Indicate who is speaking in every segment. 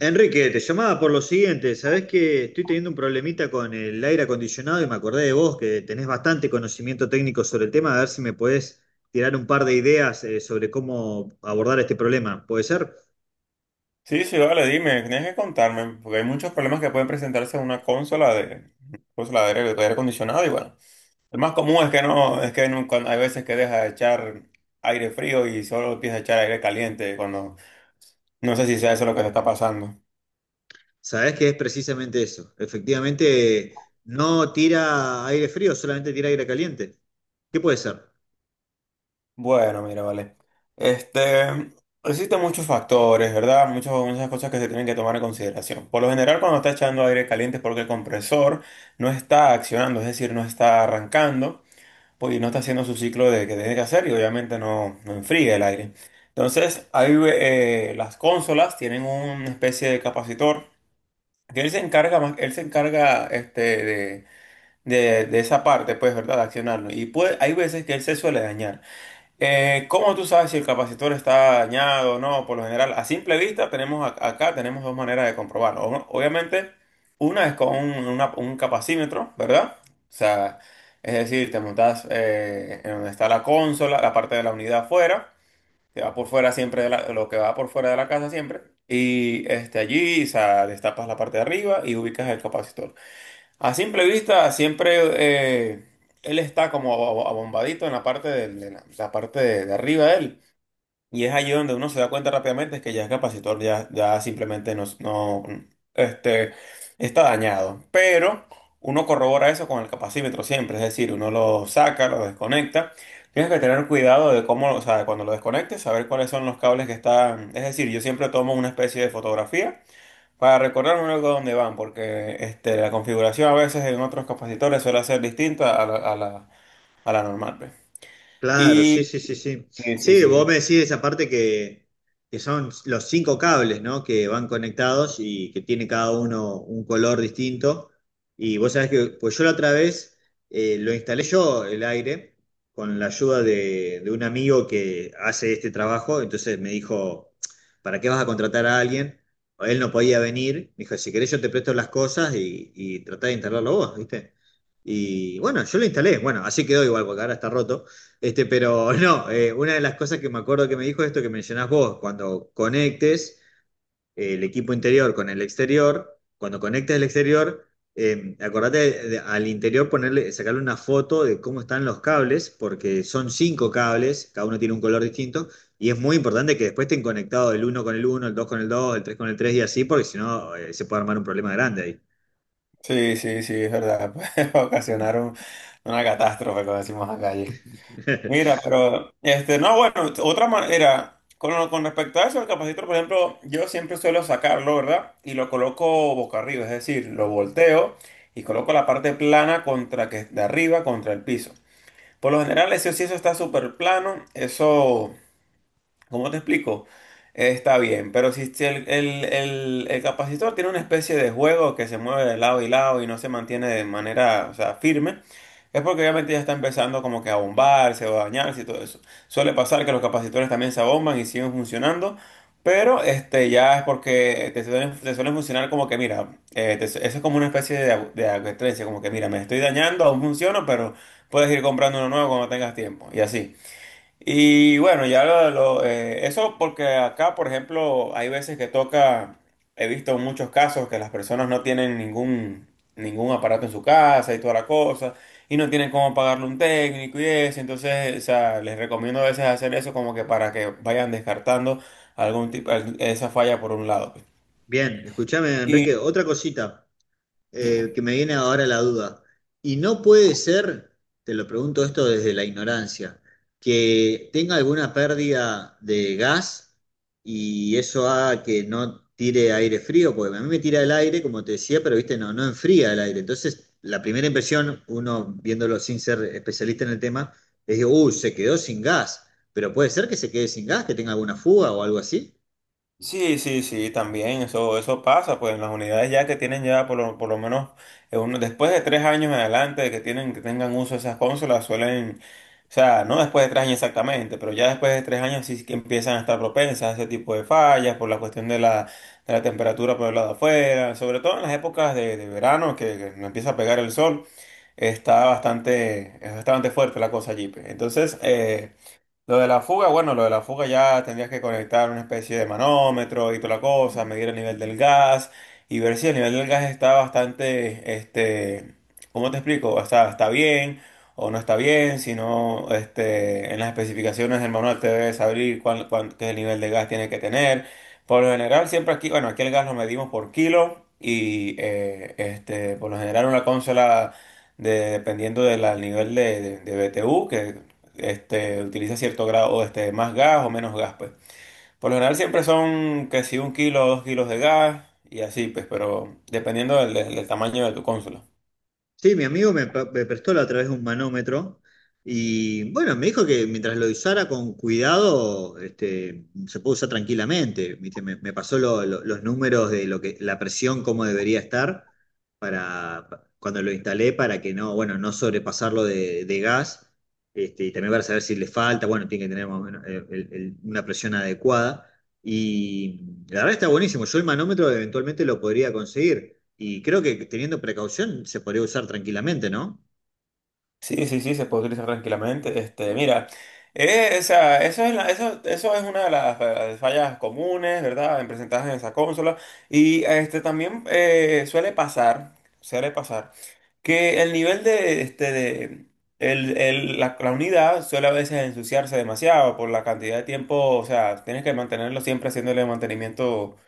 Speaker 1: Enrique, te llamaba por lo siguiente. Sabés que estoy teniendo un problemita con el aire acondicionado y me acordé de vos, que tenés bastante conocimiento técnico sobre el tema, a ver si me podés tirar un par de ideas, sobre cómo abordar este problema. ¿Puede ser?
Speaker 2: Sí, sí, vale, dime, tienes que contarme, porque hay muchos problemas que pueden presentarse en una consola de aire acondicionado y bueno, el más común es que no, es que hay veces que deja de echar aire frío y solo empieza a echar aire caliente cuando, no sé si sea eso lo que te está pasando.
Speaker 1: Sabés que es precisamente eso. Efectivamente, no tira aire frío, solamente tira aire caliente. ¿Qué puede ser?
Speaker 2: Bueno, mira, vale. Este, existen muchos factores, ¿verdad? Muchas, muchas cosas que se tienen que tomar en consideración. Por lo general, cuando está echando aire caliente es porque el compresor no está accionando, es decir, no está arrancando. Pues no está haciendo su ciclo de que tiene que hacer y obviamente no, no enfría el aire. Entonces, ahí las consolas tienen una especie de capacitor que él se encarga más, él se encarga de esa parte, pues, ¿verdad? De accionarlo. Y pues hay veces que él se suele dañar. ¿Cómo tú sabes si el capacitor está dañado o no? Por lo general, a simple vista, tenemos acá tenemos 2 maneras de comprobarlo. Obviamente, una es con un capacímetro, ¿verdad? O sea, es decir, te montas en donde está la consola, la parte de la unidad afuera, que va por fuera siempre, de lo que va por fuera de la casa siempre. Y este, allí, o sea, destapas la parte de arriba y ubicas el capacitor. A simple vista, siempre eh, él está como abombadito en la parte de la, la parte de arriba de él. Y es allí donde uno se da cuenta rápidamente que ya es capacitor, ya, ya simplemente no, este, está dañado. Pero uno corrobora eso con el capacímetro siempre, es decir, uno lo saca, lo desconecta. Tienes que tener cuidado de cómo, o sea, cuando lo desconectes, saber cuáles son los cables que están. Es decir, yo siempre tomo una especie de fotografía para recordarme luego dónde van, porque este, la configuración a veces en otros capacitores suele ser distinta a a la normal. Pues.
Speaker 1: Claro, sí,
Speaker 2: Y
Speaker 1: sí, sí, sí.
Speaker 2: sí, sí,
Speaker 1: Sí, vos me
Speaker 2: sí,
Speaker 1: decís esa parte que son los cinco cables, ¿no? Que van conectados y que tiene cada uno un color distinto. Y vos sabés que, pues yo la otra vez, lo instalé yo el aire con la ayuda de un amigo que hace este trabajo. Entonces me dijo, ¿para qué vas a contratar a alguien? Él no podía venir. Me dijo, si querés yo te presto las cosas y tratá de instalarlo vos, ¿viste? Y bueno, yo lo instalé. Bueno, así quedó igual porque ahora está roto. Pero no, una de las cosas que me acuerdo que me dijo es esto que mencionás vos, cuando conectes el equipo interior con el exterior, cuando conectes el exterior, al interior ponerle, sacarle una foto de cómo están los cables, porque son cinco cables, cada uno tiene un color distinto, y es muy importante que después estén conectados el uno con el uno, el dos con el dos, el tres con el tres y así, porque si no, se puede armar un problema grande ahí.
Speaker 2: sí, sí, sí, es verdad. Puede ocasionar una catástrofe, como decimos acá allí. Mira, pero, este, no, bueno, otra manera, con respecto a eso, el capacitor, por ejemplo, yo siempre suelo sacarlo, ¿verdad? Y lo coloco boca arriba, es decir, lo volteo y coloco la parte plana contra que, de arriba contra el piso. Por lo general, ese sí, eso está súper plano. Eso, ¿cómo te explico? Está bien, pero si, si el, el capacitor tiene una especie de juego que se mueve de lado y lado y no se mantiene de manera, o sea, firme, es porque obviamente ya está empezando como que a bombarse o a dañarse y todo eso. Suele pasar que los capacitores también se abomban y siguen funcionando, pero este ya es porque te suelen funcionar como que, mira, eso es como una especie de, de advertencia, como que, mira, me estoy dañando, aún funciona, pero puedes ir comprando uno nuevo cuando tengas tiempo, y así. Y bueno, eso porque acá, por ejemplo, hay veces que toca, he visto muchos casos que las personas no tienen ningún, ningún aparato en su casa y toda la cosa, y no tienen cómo pagarle un técnico y eso, entonces, o sea, les recomiendo a veces hacer eso como que para que vayan descartando algún tipo, esa falla por un lado. Pues.
Speaker 1: Bien, escuchame, Enrique,
Speaker 2: Y,
Speaker 1: otra cosita. Que me viene ahora la duda. Y no puede ser, te lo pregunto esto desde la ignorancia, que tenga alguna pérdida de gas y eso haga que no tire aire frío, porque a mí me tira el aire, como te decía, pero viste, no enfría el aire. Entonces, la primera impresión, uno viéndolo sin ser especialista en el tema, es que, se quedó sin gas. Pero puede ser que se quede sin gas, que tenga alguna fuga o algo así.
Speaker 2: Sí, sí, sí, también eso pasa, pues en las unidades ya que tienen ya por por lo menos después de 3 años en adelante de que tienen, que tengan uso esas consolas suelen, o sea, no después de 3 años exactamente, pero ya después de 3 años sí que empiezan a estar propensas a ese tipo de fallas por la cuestión de la temperatura por el lado de afuera, sobre todo en las épocas de verano que no empieza a pegar el sol, está bastante, es bastante fuerte la cosa allí. Pues. Entonces, lo de la fuga, bueno, lo de la fuga ya tendrías que conectar una especie de manómetro y toda la cosa, medir el nivel del gas y ver si el nivel del gas está bastante, este, ¿cómo te explico? O sea, está bien o no está bien, si no, este, en las especificaciones del manual te debes saber qué nivel de gas tiene que tener. Por lo general, siempre aquí, bueno, aquí el gas lo medimos por kilo y, este, por lo general una consola dependiendo del nivel de BTU, que este, utiliza cierto grado, este, más gas o menos gas, pues. Por lo general siempre son que si un kilo o dos kilos de gas y así, pues, pero dependiendo tamaño de tu consola.
Speaker 1: Sí, mi amigo me prestó la otra vez un manómetro y bueno, me dijo que mientras lo usara con cuidado, se puede usar tranquilamente. ¿Viste? Me pasó los números de lo que, la presión, cómo debería estar para cuando lo instalé para que no, bueno, no sobrepasarlo de gas. Y también para saber si le falta, bueno, tiene que tener más o menos, una presión adecuada. Y la verdad está buenísimo. Yo el manómetro eventualmente lo podría conseguir. Y creo que teniendo precaución se podría usar tranquilamente, ¿no?
Speaker 2: Sí, sí, sí, se puede utilizar tranquilamente. Este, mira, o sea, eso, eso es una de las fallas comunes, ¿verdad? En presentadas en esa consola. Y este, también suele pasar, que el nivel de, este, la, la unidad suele a veces ensuciarse demasiado por la cantidad de tiempo, o sea, tienes que mantenerlo siempre haciéndole mantenimiento, o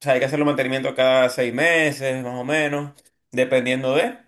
Speaker 2: sea, hay que hacerle mantenimiento cada 6 meses, más o menos, dependiendo de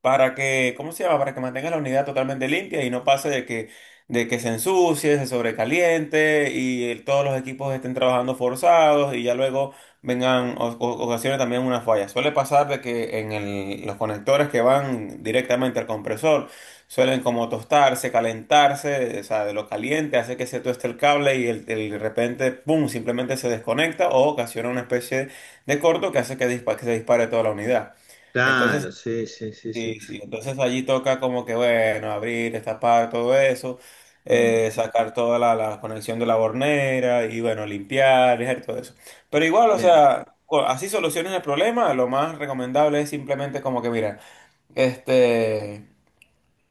Speaker 2: para que, ¿cómo se llama? Para que mantenga la unidad totalmente limpia y no pase de que se ensucie, se sobrecaliente y todos los equipos estén trabajando forzados y ya luego vengan ocasiones también una falla. Suele pasar de que en los conectores que van directamente al compresor suelen como tostarse, calentarse, o sea, de lo caliente hace que se tueste el cable y de repente, ¡pum!, simplemente se desconecta o ocasiona una especie de corto que hace que, que se dispare toda la unidad. Entonces,
Speaker 1: Claro, sí, sí, sí, sí.
Speaker 2: sí, sí, entonces allí toca como que, bueno, abrir, destapar todo eso,
Speaker 1: Mm.
Speaker 2: sacar toda la conexión de la bornera y, bueno, limpiar, dejar todo eso. Pero igual, o
Speaker 1: Bien.
Speaker 2: sea, así soluciones el problema, lo más recomendable es simplemente como que, mira, este,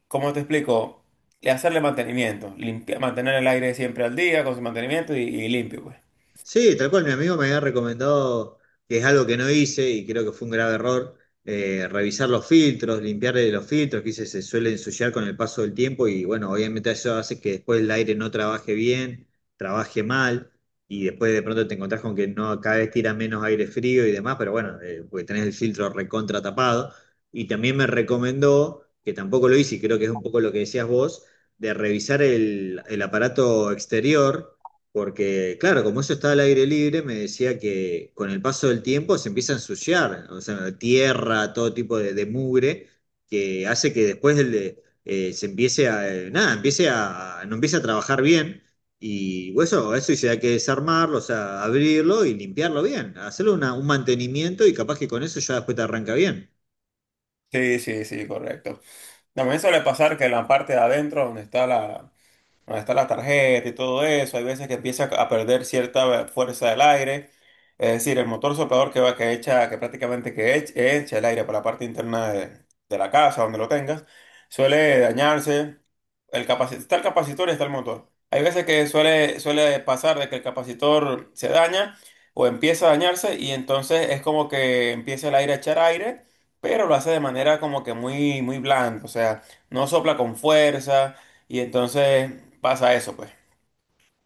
Speaker 2: ¿cómo te explico? Hacerle mantenimiento, mantener el aire siempre al día con su mantenimiento y limpio, pues.
Speaker 1: Sí, tal cual, mi amigo me había recomendado, que es algo que no hice y creo que fue un grave error, revisar los filtros, limpiarle los filtros, se suele ensuciar con el paso del tiempo y bueno, obviamente eso hace que después el aire no trabaje bien, trabaje mal y después de pronto te encontrás con que no, cada vez tira menos aire frío y demás, pero bueno, porque tenés el filtro recontra tapado. Y también me recomendó, que tampoco lo hice y creo que es un poco lo que decías vos, de revisar el aparato exterior porque, claro, como eso está al aire libre, me decía que con el paso del tiempo se empieza a ensuciar, o sea, tierra, todo tipo de mugre, que hace que después se empiece a, nada, empiece a, no empiece a trabajar bien. Y bueno, eso sí hay que desarmarlo, o sea, abrirlo y limpiarlo bien, hacerle un mantenimiento y capaz que con eso ya después te arranca bien.
Speaker 2: Sí, sí, sí, correcto. También suele pasar que la parte de adentro, donde está donde está la tarjeta y todo eso, hay veces que empieza a perder cierta fuerza del aire, es decir, el motor soplador que va, que echa, que prácticamente que echa el aire para la parte interna de la casa, donde lo tengas, suele dañarse, el capacitor, está el capacitor y está el motor. Hay veces que suele, suele pasar de que el capacitor se daña o empieza a dañarse y entonces es como que empieza el aire a echar aire, pero lo hace de manera como que muy, muy blanda, o sea, no sopla con fuerza y entonces pasa eso, pues.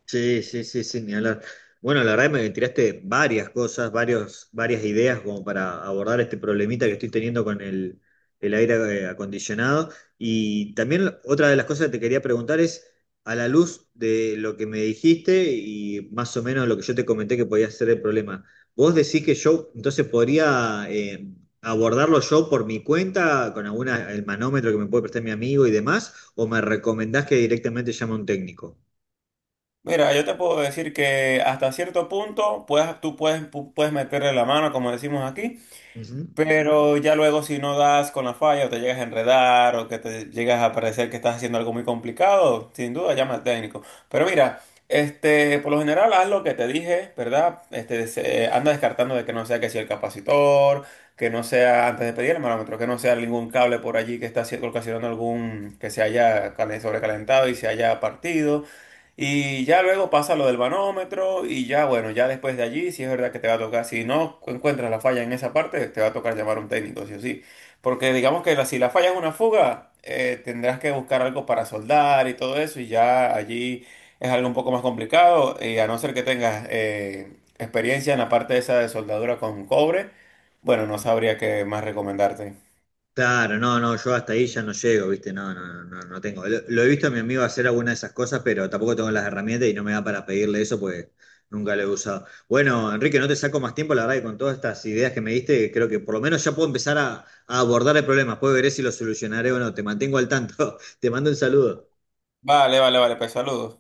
Speaker 1: Sí, sí, sí, sí, ni hablar. Bueno, la verdad me tiraste varias cosas, varias ideas como para abordar este problemita que
Speaker 2: Sí.
Speaker 1: estoy teniendo con el aire, acondicionado. Y también otra de las cosas que te quería preguntar es, a la luz de lo que me dijiste y más o menos lo que yo te comenté que podía ser el problema, ¿vos decís que yo entonces podría, abordarlo yo por mi cuenta con alguna, el manómetro que me puede prestar mi amigo y demás? ¿O me recomendás que directamente llame a un técnico?
Speaker 2: Mira, yo te puedo decir que hasta cierto punto puedes, tú puedes, puedes meterle la mano, como decimos aquí.
Speaker 1: Ujú.
Speaker 2: Pero ya luego si no das con la falla o te llegas a enredar o que te llegas a parecer que estás haciendo algo muy complicado, sin duda llama al técnico. Pero mira, este, por lo general haz lo que te dije, ¿verdad? Este, anda descartando de que no sea que sea el capacitor, que no sea antes de pedir el manómetro, que no sea ningún cable por allí que está ocasionando algún que se haya sobrecalentado y se haya partido. Y ya luego pasa lo del manómetro y ya, bueno, ya después de allí, si es verdad que te va a tocar, si no encuentras la falla en esa parte, te va a tocar llamar a un técnico, sí o sí. Porque digamos que si la falla es una fuga, tendrás que buscar algo para soldar y todo eso y ya allí es algo un poco más complicado y a no ser que tengas experiencia en la parte esa de soldadura con cobre, bueno, no sabría qué más recomendarte.
Speaker 1: Claro, no, no, yo hasta ahí ya no llego, ¿viste? No, no, no, no tengo. Lo he visto a mi amigo hacer alguna de esas cosas, pero tampoco tengo las herramientas y no me da para pedirle eso pues nunca lo he usado. Bueno, Enrique, no te saco más tiempo, la verdad que con todas estas ideas que me diste, creo que por lo menos ya puedo empezar a abordar el problema. Puedo ver si lo solucionaré o no. Te mantengo al tanto. Te mando un saludo.
Speaker 2: Vale, vale, vale, pues saludos.